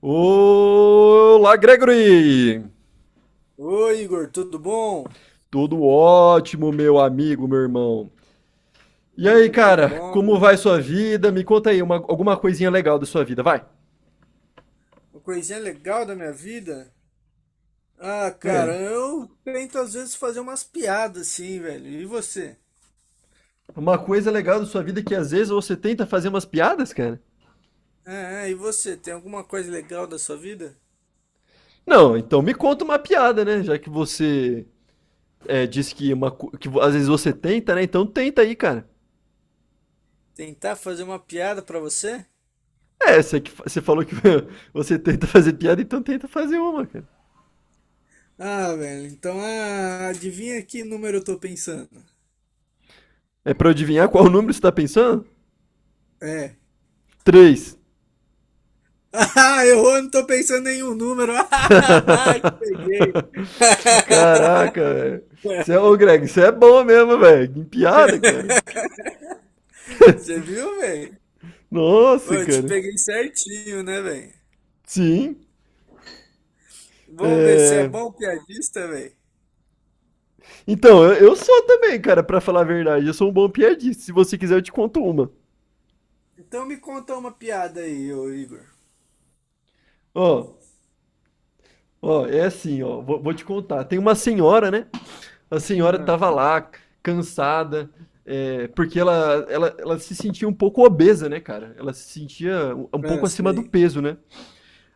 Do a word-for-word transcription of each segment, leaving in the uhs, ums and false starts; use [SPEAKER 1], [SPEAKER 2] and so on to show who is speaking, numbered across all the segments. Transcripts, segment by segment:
[SPEAKER 1] Olá, Gregory!
[SPEAKER 2] Oi, Igor, tudo bom?
[SPEAKER 1] Tudo ótimo, meu amigo, meu irmão. E aí,
[SPEAKER 2] Hum, que
[SPEAKER 1] cara,
[SPEAKER 2] bom.
[SPEAKER 1] como vai sua vida? Me conta aí uma, alguma coisinha legal da sua vida, vai.
[SPEAKER 2] Uma coisinha legal da minha vida. Ah,
[SPEAKER 1] É,
[SPEAKER 2] cara, eu tento às vezes fazer umas piadas assim, velho. E você?
[SPEAKER 1] uma coisa legal da sua vida é que às vezes você tenta fazer umas piadas, cara.
[SPEAKER 2] Ah, e você? Tem alguma coisa legal da sua vida?
[SPEAKER 1] Não, então me conta uma piada, né? Já que você é, disse que, uma, co- que vo- às vezes você tenta, né? Então tenta aí, cara.
[SPEAKER 2] Tentar fazer uma piada pra você?
[SPEAKER 1] É, você, que, fa- você falou que você tenta fazer piada, então tenta fazer uma, cara.
[SPEAKER 2] Ah, velho, então ah, adivinha que número eu tô pensando?
[SPEAKER 1] É pra eu adivinhar qual número você tá pensando?
[SPEAKER 2] É.
[SPEAKER 1] Três.
[SPEAKER 2] Ah, errou, eu não tô pensando em nenhum número. Ah, peguei.
[SPEAKER 1] Caraca, velho. Você é, ô Greg, você é bom mesmo, velho. Em piada, cara.
[SPEAKER 2] Você viu, velho?
[SPEAKER 1] Nossa,
[SPEAKER 2] Ô, eu te
[SPEAKER 1] cara.
[SPEAKER 2] peguei certinho, né, velho?
[SPEAKER 1] Sim.
[SPEAKER 2] Vamos ver se é
[SPEAKER 1] É...
[SPEAKER 2] bom piadista, velho.
[SPEAKER 1] Então, eu, eu sou também, cara, pra falar a verdade. Eu sou um bom piadista. Se você quiser, eu te conto uma.
[SPEAKER 2] Então me conta uma piada aí, ô Igor.
[SPEAKER 1] Ó, ó, é assim, ó. Vou, vou te contar. Tem uma senhora, né? A senhora
[SPEAKER 2] Ah,
[SPEAKER 1] tava lá, cansada, é, porque ela, ela, ela se sentia um pouco obesa, né, cara? Ela se sentia um um
[SPEAKER 2] ah,
[SPEAKER 1] pouco acima do
[SPEAKER 2] sei.
[SPEAKER 1] peso, né?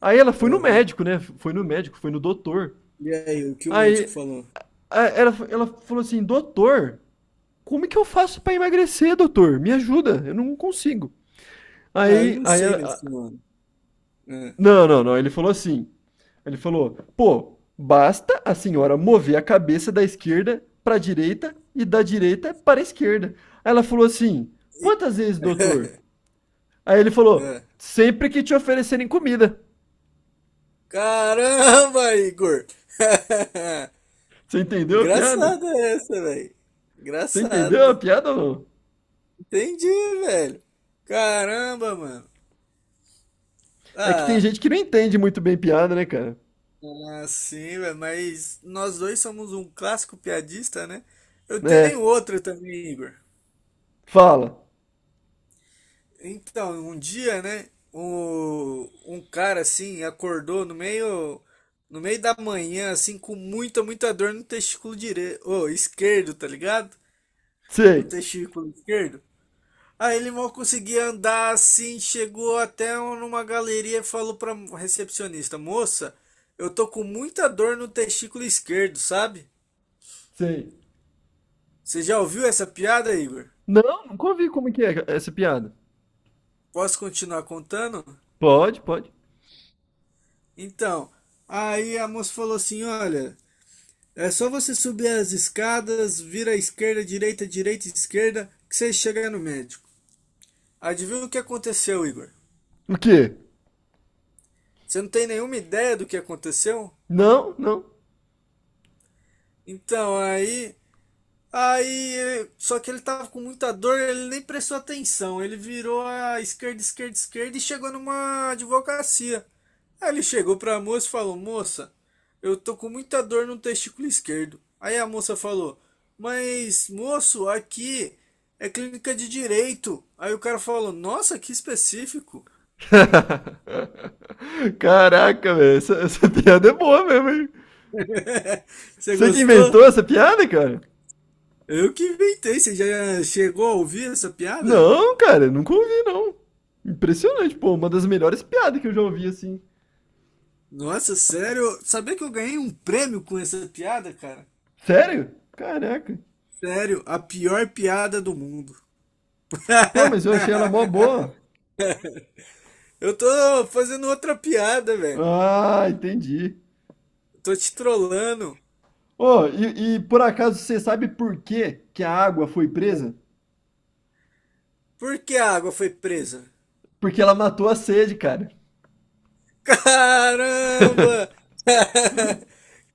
[SPEAKER 1] Aí ela foi no
[SPEAKER 2] Aham.
[SPEAKER 1] médico, né? Foi no médico, foi no doutor.
[SPEAKER 2] E aí, o que o médico
[SPEAKER 1] Aí
[SPEAKER 2] falou?
[SPEAKER 1] a- ela, ela falou assim: Doutor, como é que eu faço pra emagrecer, doutor? Me ajuda, eu não consigo.
[SPEAKER 2] Ah, eu
[SPEAKER 1] Aí,
[SPEAKER 2] não
[SPEAKER 1] aí
[SPEAKER 2] sei, minha
[SPEAKER 1] ela, a-
[SPEAKER 2] senhora. Ah.
[SPEAKER 1] não, não, não. Ele falou assim: Ele falou, pô, basta a senhora mover a cabeça da esquerda pra direita e da direita para a esquerda. Aí ela falou assim:
[SPEAKER 2] E-
[SPEAKER 1] Quantas vezes, doutor? Aí ele falou:
[SPEAKER 2] ah.
[SPEAKER 1] Sempre que te oferecerem comida.
[SPEAKER 2] Caramba, Igor!
[SPEAKER 1] Você entendeu a piada?
[SPEAKER 2] Engraçada essa, velho.
[SPEAKER 1] Você entendeu a
[SPEAKER 2] Engraçada.
[SPEAKER 1] piada ou não?
[SPEAKER 2] Entendi, velho. Caramba, mano.
[SPEAKER 1] É que tem
[SPEAKER 2] Ah,
[SPEAKER 1] gente que não entende muito bem piada, né, cara?
[SPEAKER 2] ah, sim, velho, mas nós dois somos um clássico piadista, né? Eu
[SPEAKER 1] É.
[SPEAKER 2] tenho outro também, Igor.
[SPEAKER 1] Fala.
[SPEAKER 2] Então, um dia, né, o- um cara assim acordou no meio no meio da manhã assim com muita muita dor no testículo direito, ô, esquerdo, tá ligado? No
[SPEAKER 1] Sei.
[SPEAKER 2] testículo esquerdo. Aí ele mal conseguia andar assim, chegou até numa galeria e falou pra recepcionista: "Moça, eu tô com muita dor no testículo esquerdo, sabe?"
[SPEAKER 1] Sei.
[SPEAKER 2] Você já ouviu essa piada, Igor?
[SPEAKER 1] Não, nunca ouvi como que é essa piada.
[SPEAKER 2] Posso continuar contando?
[SPEAKER 1] Pode, pode.
[SPEAKER 2] Então, aí a moça falou assim: Olha, é só você subir as escadas, vira à esquerda, direita, direita, esquerda, que você chega no médico. Adivinha o que aconteceu, Igor?
[SPEAKER 1] O quê?
[SPEAKER 2] Você não tem nenhuma ideia do que aconteceu?
[SPEAKER 1] Não, não.
[SPEAKER 2] Então, aí. Aí, ele- só que ele tava com muita dor, ele nem prestou atenção. Ele virou a esquerda, esquerda, esquerda e chegou numa advocacia. Aí ele chegou pra moça e falou: Moça, eu tô com muita dor no testículo esquerdo. Aí a moça falou: Mas, moço, aqui é clínica de direito. Aí o cara falou: Nossa, que específico.
[SPEAKER 1] Caraca, velho. Essa, essa piada é boa mesmo, hein?
[SPEAKER 2] Você
[SPEAKER 1] Você que
[SPEAKER 2] gostou?
[SPEAKER 1] inventou essa piada, cara?
[SPEAKER 2] Eu que inventei. Você já chegou a ouvir essa piada?
[SPEAKER 1] Não, cara, nunca ouvi, não. Impressionante, pô. Uma das melhores piadas que eu já ouvi, assim.
[SPEAKER 2] Nossa, sério? Sabia que eu ganhei um prêmio com essa piada, cara?
[SPEAKER 1] Sério? Caraca.
[SPEAKER 2] Sério, a pior piada do mundo.
[SPEAKER 1] Pô, mas eu achei ela mó boa.
[SPEAKER 2] Eu tô fazendo outra piada, velho.
[SPEAKER 1] Ah, entendi.
[SPEAKER 2] Eu tô te trollando.
[SPEAKER 1] Ô, e, e por acaso você sabe por que que a água foi presa?
[SPEAKER 2] Por que a água foi presa?
[SPEAKER 1] Porque ela matou a sede, cara.
[SPEAKER 2] Caramba!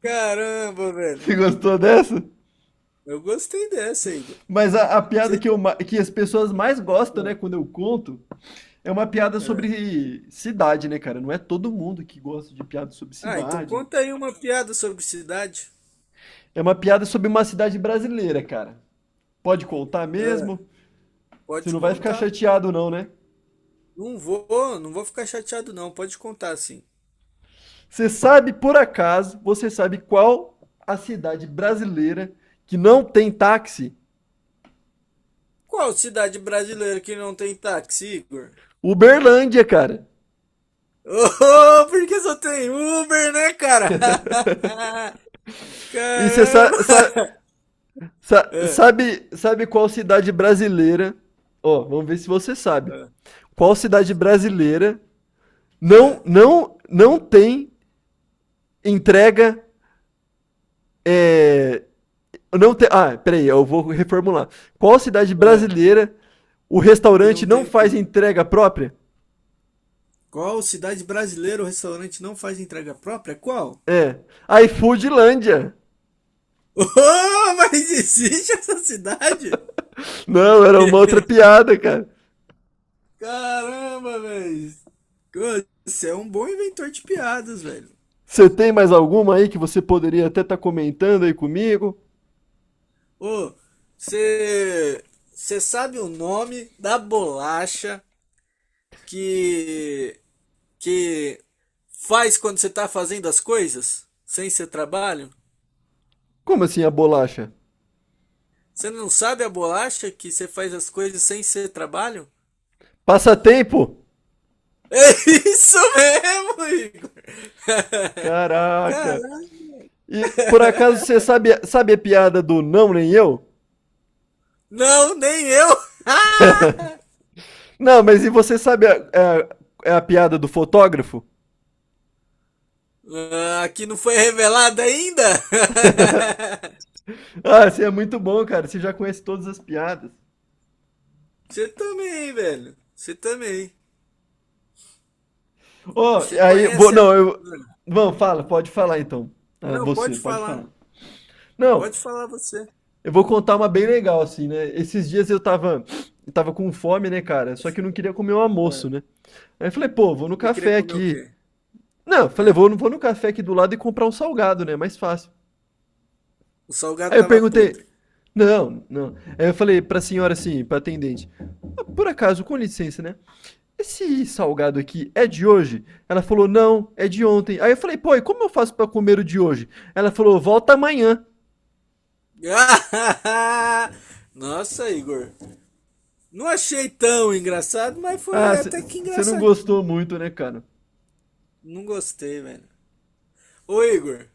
[SPEAKER 2] Caramba, velho.
[SPEAKER 1] Você gostou dessa?
[SPEAKER 2] Eu gostei dessa, Igor.
[SPEAKER 1] Mas a, a piada
[SPEAKER 2] Você
[SPEAKER 1] que,
[SPEAKER 2] já-
[SPEAKER 1] eu, ma- que as pessoas mais gostam, né, quando eu conto, é uma piada
[SPEAKER 2] É. É.
[SPEAKER 1] sobre cidade, né, cara? Não é todo mundo que gosta de piada sobre
[SPEAKER 2] Ah, então
[SPEAKER 1] cidade.
[SPEAKER 2] conta aí uma piada sobre cidade.
[SPEAKER 1] É uma piada sobre uma cidade brasileira, cara. Pode contar
[SPEAKER 2] Ah,
[SPEAKER 1] mesmo? Você
[SPEAKER 2] pode
[SPEAKER 1] não vai ficar
[SPEAKER 2] contar.
[SPEAKER 1] chateado, não, né?
[SPEAKER 2] Não vou, não vou ficar chateado não, pode contar sim.
[SPEAKER 1] Você sabe, por acaso, você sabe qual a cidade brasileira que não tem táxi?
[SPEAKER 2] Qual cidade brasileira que não tem táxi, Igor?
[SPEAKER 1] Uberlândia, cara.
[SPEAKER 2] Oh, porque só tem Uber, né, cara?
[SPEAKER 1] E você sa
[SPEAKER 2] Caramba!
[SPEAKER 1] sa sa-
[SPEAKER 2] É,
[SPEAKER 1] sabe, sabe qual cidade brasileira? Ó, vamos ver se você sabe.
[SPEAKER 2] é,
[SPEAKER 1] Qual cidade brasileira não
[SPEAKER 2] é,
[SPEAKER 1] não não tem entrega é, não tem, ah, peraí, eu vou reformular. Qual cidade
[SPEAKER 2] é.
[SPEAKER 1] brasileira o
[SPEAKER 2] Que
[SPEAKER 1] restaurante
[SPEAKER 2] não tem
[SPEAKER 1] não
[SPEAKER 2] o
[SPEAKER 1] faz
[SPEAKER 2] quê?
[SPEAKER 1] entrega própria?
[SPEAKER 2] Qual cidade brasileira o restaurante não faz entrega própria? Qual?
[SPEAKER 1] É, iFoodlândia.
[SPEAKER 2] Oh, mas existe essa cidade?
[SPEAKER 1] Não, era uma outra piada, cara.
[SPEAKER 2] Caramba, velho! Você é um bom inventor de piadas, velho.
[SPEAKER 1] Você tem mais alguma aí que você poderia até estar comentando aí comigo?
[SPEAKER 2] Ô, você você sabe o nome da bolacha que que faz quando você tá fazendo as coisas sem ser trabalho?
[SPEAKER 1] Como assim a bolacha?
[SPEAKER 2] Você não sabe a bolacha que você faz as coisas sem ser trabalho?
[SPEAKER 1] Passatempo?
[SPEAKER 2] É isso mesmo, Igor.
[SPEAKER 1] Caraca.
[SPEAKER 2] Caralho.
[SPEAKER 1] E por acaso você sabe, sabe a piada do não nem eu?
[SPEAKER 2] Não, nem eu.
[SPEAKER 1] Não, mas e você sabe a, a, a piada do fotógrafo?
[SPEAKER 2] Ah, aqui não foi revelado ainda?
[SPEAKER 1] Ah, você é muito bom, cara. Você já conhece todas as piadas.
[SPEAKER 2] Você também, velho. Você também.
[SPEAKER 1] Ô,
[SPEAKER 2] Você
[SPEAKER 1] aí, vou,
[SPEAKER 2] conhece a.
[SPEAKER 1] não, eu. Não, fala, pode falar então. Ah,
[SPEAKER 2] Não,
[SPEAKER 1] você,
[SPEAKER 2] pode
[SPEAKER 1] pode falar.
[SPEAKER 2] falar.
[SPEAKER 1] Não,
[SPEAKER 2] Pode falar você. É.
[SPEAKER 1] eu vou contar uma bem legal, assim, né? Esses dias eu tava, eu tava com fome, né, cara? Só que eu não queria comer um almoço, né? Aí eu falei, pô, vou no
[SPEAKER 2] Você queria
[SPEAKER 1] café
[SPEAKER 2] comer o
[SPEAKER 1] aqui.
[SPEAKER 2] quê?
[SPEAKER 1] Não, eu falei,
[SPEAKER 2] É.
[SPEAKER 1] vou, vou no café aqui do lado e comprar um salgado, né? é Mais fácil.
[SPEAKER 2] O
[SPEAKER 1] Aí
[SPEAKER 2] salgado
[SPEAKER 1] eu
[SPEAKER 2] tava
[SPEAKER 1] perguntei,
[SPEAKER 2] podre.
[SPEAKER 1] não, não. Aí eu falei pra senhora assim, pra atendente, "Ah, por acaso, com licença, né? Esse salgado aqui é de hoje? Ela falou, não, é de ontem. Aí eu falei, pô, e como eu faço pra comer o de hoje? Ela falou, volta amanhã.
[SPEAKER 2] Nossa, Igor. Não achei tão engraçado, mas foi
[SPEAKER 1] Ah,
[SPEAKER 2] até que
[SPEAKER 1] você não
[SPEAKER 2] engraçadinho.
[SPEAKER 1] gostou muito, né, cara?
[SPEAKER 2] Não gostei, velho. Ô, Igor,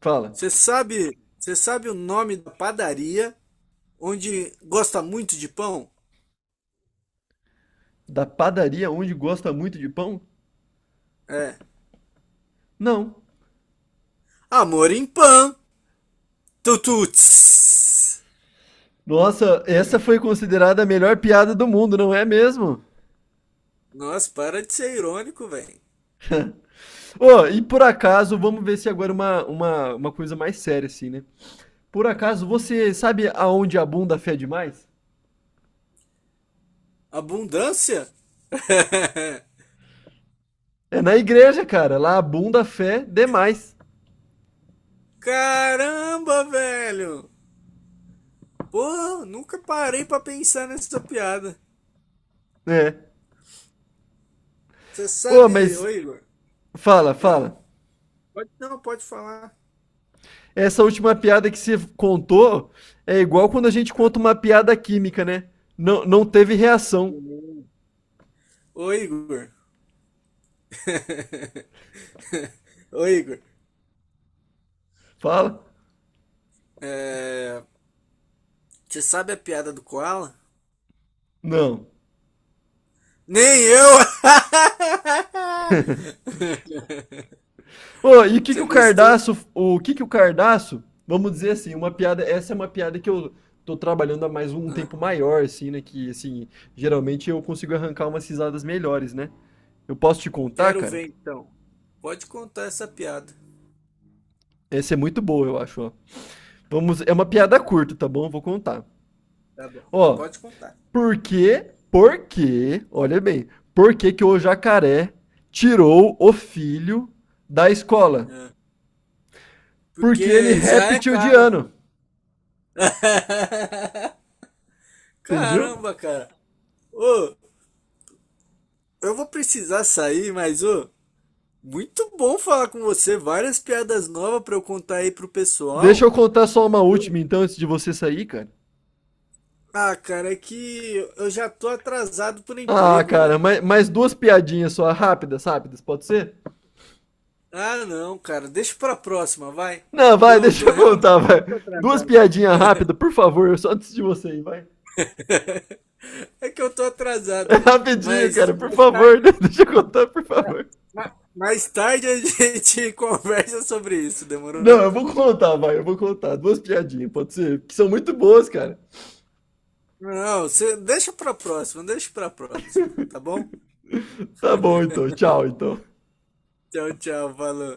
[SPEAKER 1] Fala,
[SPEAKER 2] você sabe, você sabe o nome da padaria onde gosta muito de pão?
[SPEAKER 1] da padaria onde gosta muito de pão?
[SPEAKER 2] É.
[SPEAKER 1] Não.
[SPEAKER 2] Amor em Pão. Tututs.
[SPEAKER 1] Nossa, essa foi considerada a melhor piada do mundo, não é mesmo?
[SPEAKER 2] Nossa, para de ser irônico, velho.
[SPEAKER 1] Ô, e por acaso, vamos ver se agora uma, uma, uma coisa mais séria, assim, né? Por acaso, você sabe aonde a bunda fé é demais?
[SPEAKER 2] Abundância?
[SPEAKER 1] É na igreja, cara. Lá a bunda fé é demais.
[SPEAKER 2] Caramba, velho! Pô, nunca parei pra pensar nessa piada.
[SPEAKER 1] É.
[SPEAKER 2] Você
[SPEAKER 1] Ô,
[SPEAKER 2] sabe,
[SPEAKER 1] mas
[SPEAKER 2] ô Igor?
[SPEAKER 1] fala,
[SPEAKER 2] Ah,
[SPEAKER 1] fala.
[SPEAKER 2] pode, não, pode falar.
[SPEAKER 1] Essa última piada que você contou é igual quando a gente
[SPEAKER 2] Ah,
[SPEAKER 1] conta uma piada química, né? Não, não teve reação.
[SPEAKER 2] sim. Ô Igor. Ô Igor.
[SPEAKER 1] Fala.
[SPEAKER 2] É, você sabe a piada do Koala?
[SPEAKER 1] Não.
[SPEAKER 2] Nem eu!
[SPEAKER 1] Ô, e o que que
[SPEAKER 2] Você
[SPEAKER 1] o
[SPEAKER 2] gostou?
[SPEAKER 1] cardaço, o que que o cardaço, vamos dizer assim, uma piada, essa é uma piada que eu tô trabalhando há mais um
[SPEAKER 2] Ah,
[SPEAKER 1] tempo maior, assim, né, que, assim, geralmente eu consigo arrancar umas risadas melhores, né? Eu posso te contar,
[SPEAKER 2] quero
[SPEAKER 1] cara?
[SPEAKER 2] ver então. Pode contar essa piada.
[SPEAKER 1] Essa é muito boa, eu acho, ó. Vamos, é uma piada
[SPEAKER 2] Hum,
[SPEAKER 1] curta, tá bom? Vou contar.
[SPEAKER 2] Tá bom.
[SPEAKER 1] Ó,
[SPEAKER 2] Pode contar.
[SPEAKER 1] por que, por que, olha bem, por que que o
[SPEAKER 2] Né?
[SPEAKER 1] jacaré tirou o filho da escola?
[SPEAKER 2] Ah,
[SPEAKER 1] Porque ele é
[SPEAKER 2] porque já é caro.
[SPEAKER 1] reptiliano, entendeu?
[SPEAKER 2] Caramba, cara. Ô, eu vou precisar sair, mas ô, muito bom falar com você. Várias piadas novas pra eu contar aí pro
[SPEAKER 1] Deixa
[SPEAKER 2] pessoal.
[SPEAKER 1] eu contar só uma
[SPEAKER 2] Eu-
[SPEAKER 1] última, então, antes de você sair, cara.
[SPEAKER 2] Ah, cara, é que eu já tô atrasado por
[SPEAKER 1] Ah,
[SPEAKER 2] emprego,
[SPEAKER 1] cara,
[SPEAKER 2] velho.
[SPEAKER 1] mais, mais duas piadinhas só, rápidas, rápidas, pode ser?
[SPEAKER 2] Ah, não, cara, deixa pra próxima, vai.
[SPEAKER 1] Não,
[SPEAKER 2] Que
[SPEAKER 1] vai,
[SPEAKER 2] eu
[SPEAKER 1] deixa
[SPEAKER 2] tô
[SPEAKER 1] eu contar,
[SPEAKER 2] realmente muito
[SPEAKER 1] vai. Duas
[SPEAKER 2] atrasado.
[SPEAKER 1] piadinhas rápidas, por favor, só antes de você ir, vai.
[SPEAKER 2] É que eu tô
[SPEAKER 1] É
[SPEAKER 2] atrasado, velho.
[SPEAKER 1] rapidinho,
[SPEAKER 2] Mas
[SPEAKER 1] cara, por
[SPEAKER 2] mais
[SPEAKER 1] favor,
[SPEAKER 2] tarde,
[SPEAKER 1] né? Deixa eu contar, por
[SPEAKER 2] ah,
[SPEAKER 1] favor.
[SPEAKER 2] ma- mais tarde a gente conversa sobre isso,
[SPEAKER 1] Não,
[SPEAKER 2] demorou?
[SPEAKER 1] eu vou contar, vai, eu vou contar. Duas piadinhas, pode ser? Que são muito boas, cara.
[SPEAKER 2] Não, você deixa pra próxima, deixa pra próxima, tá bom?
[SPEAKER 1] Tá bom, então, tchau, então.
[SPEAKER 2] Tchau, tchau, valeu.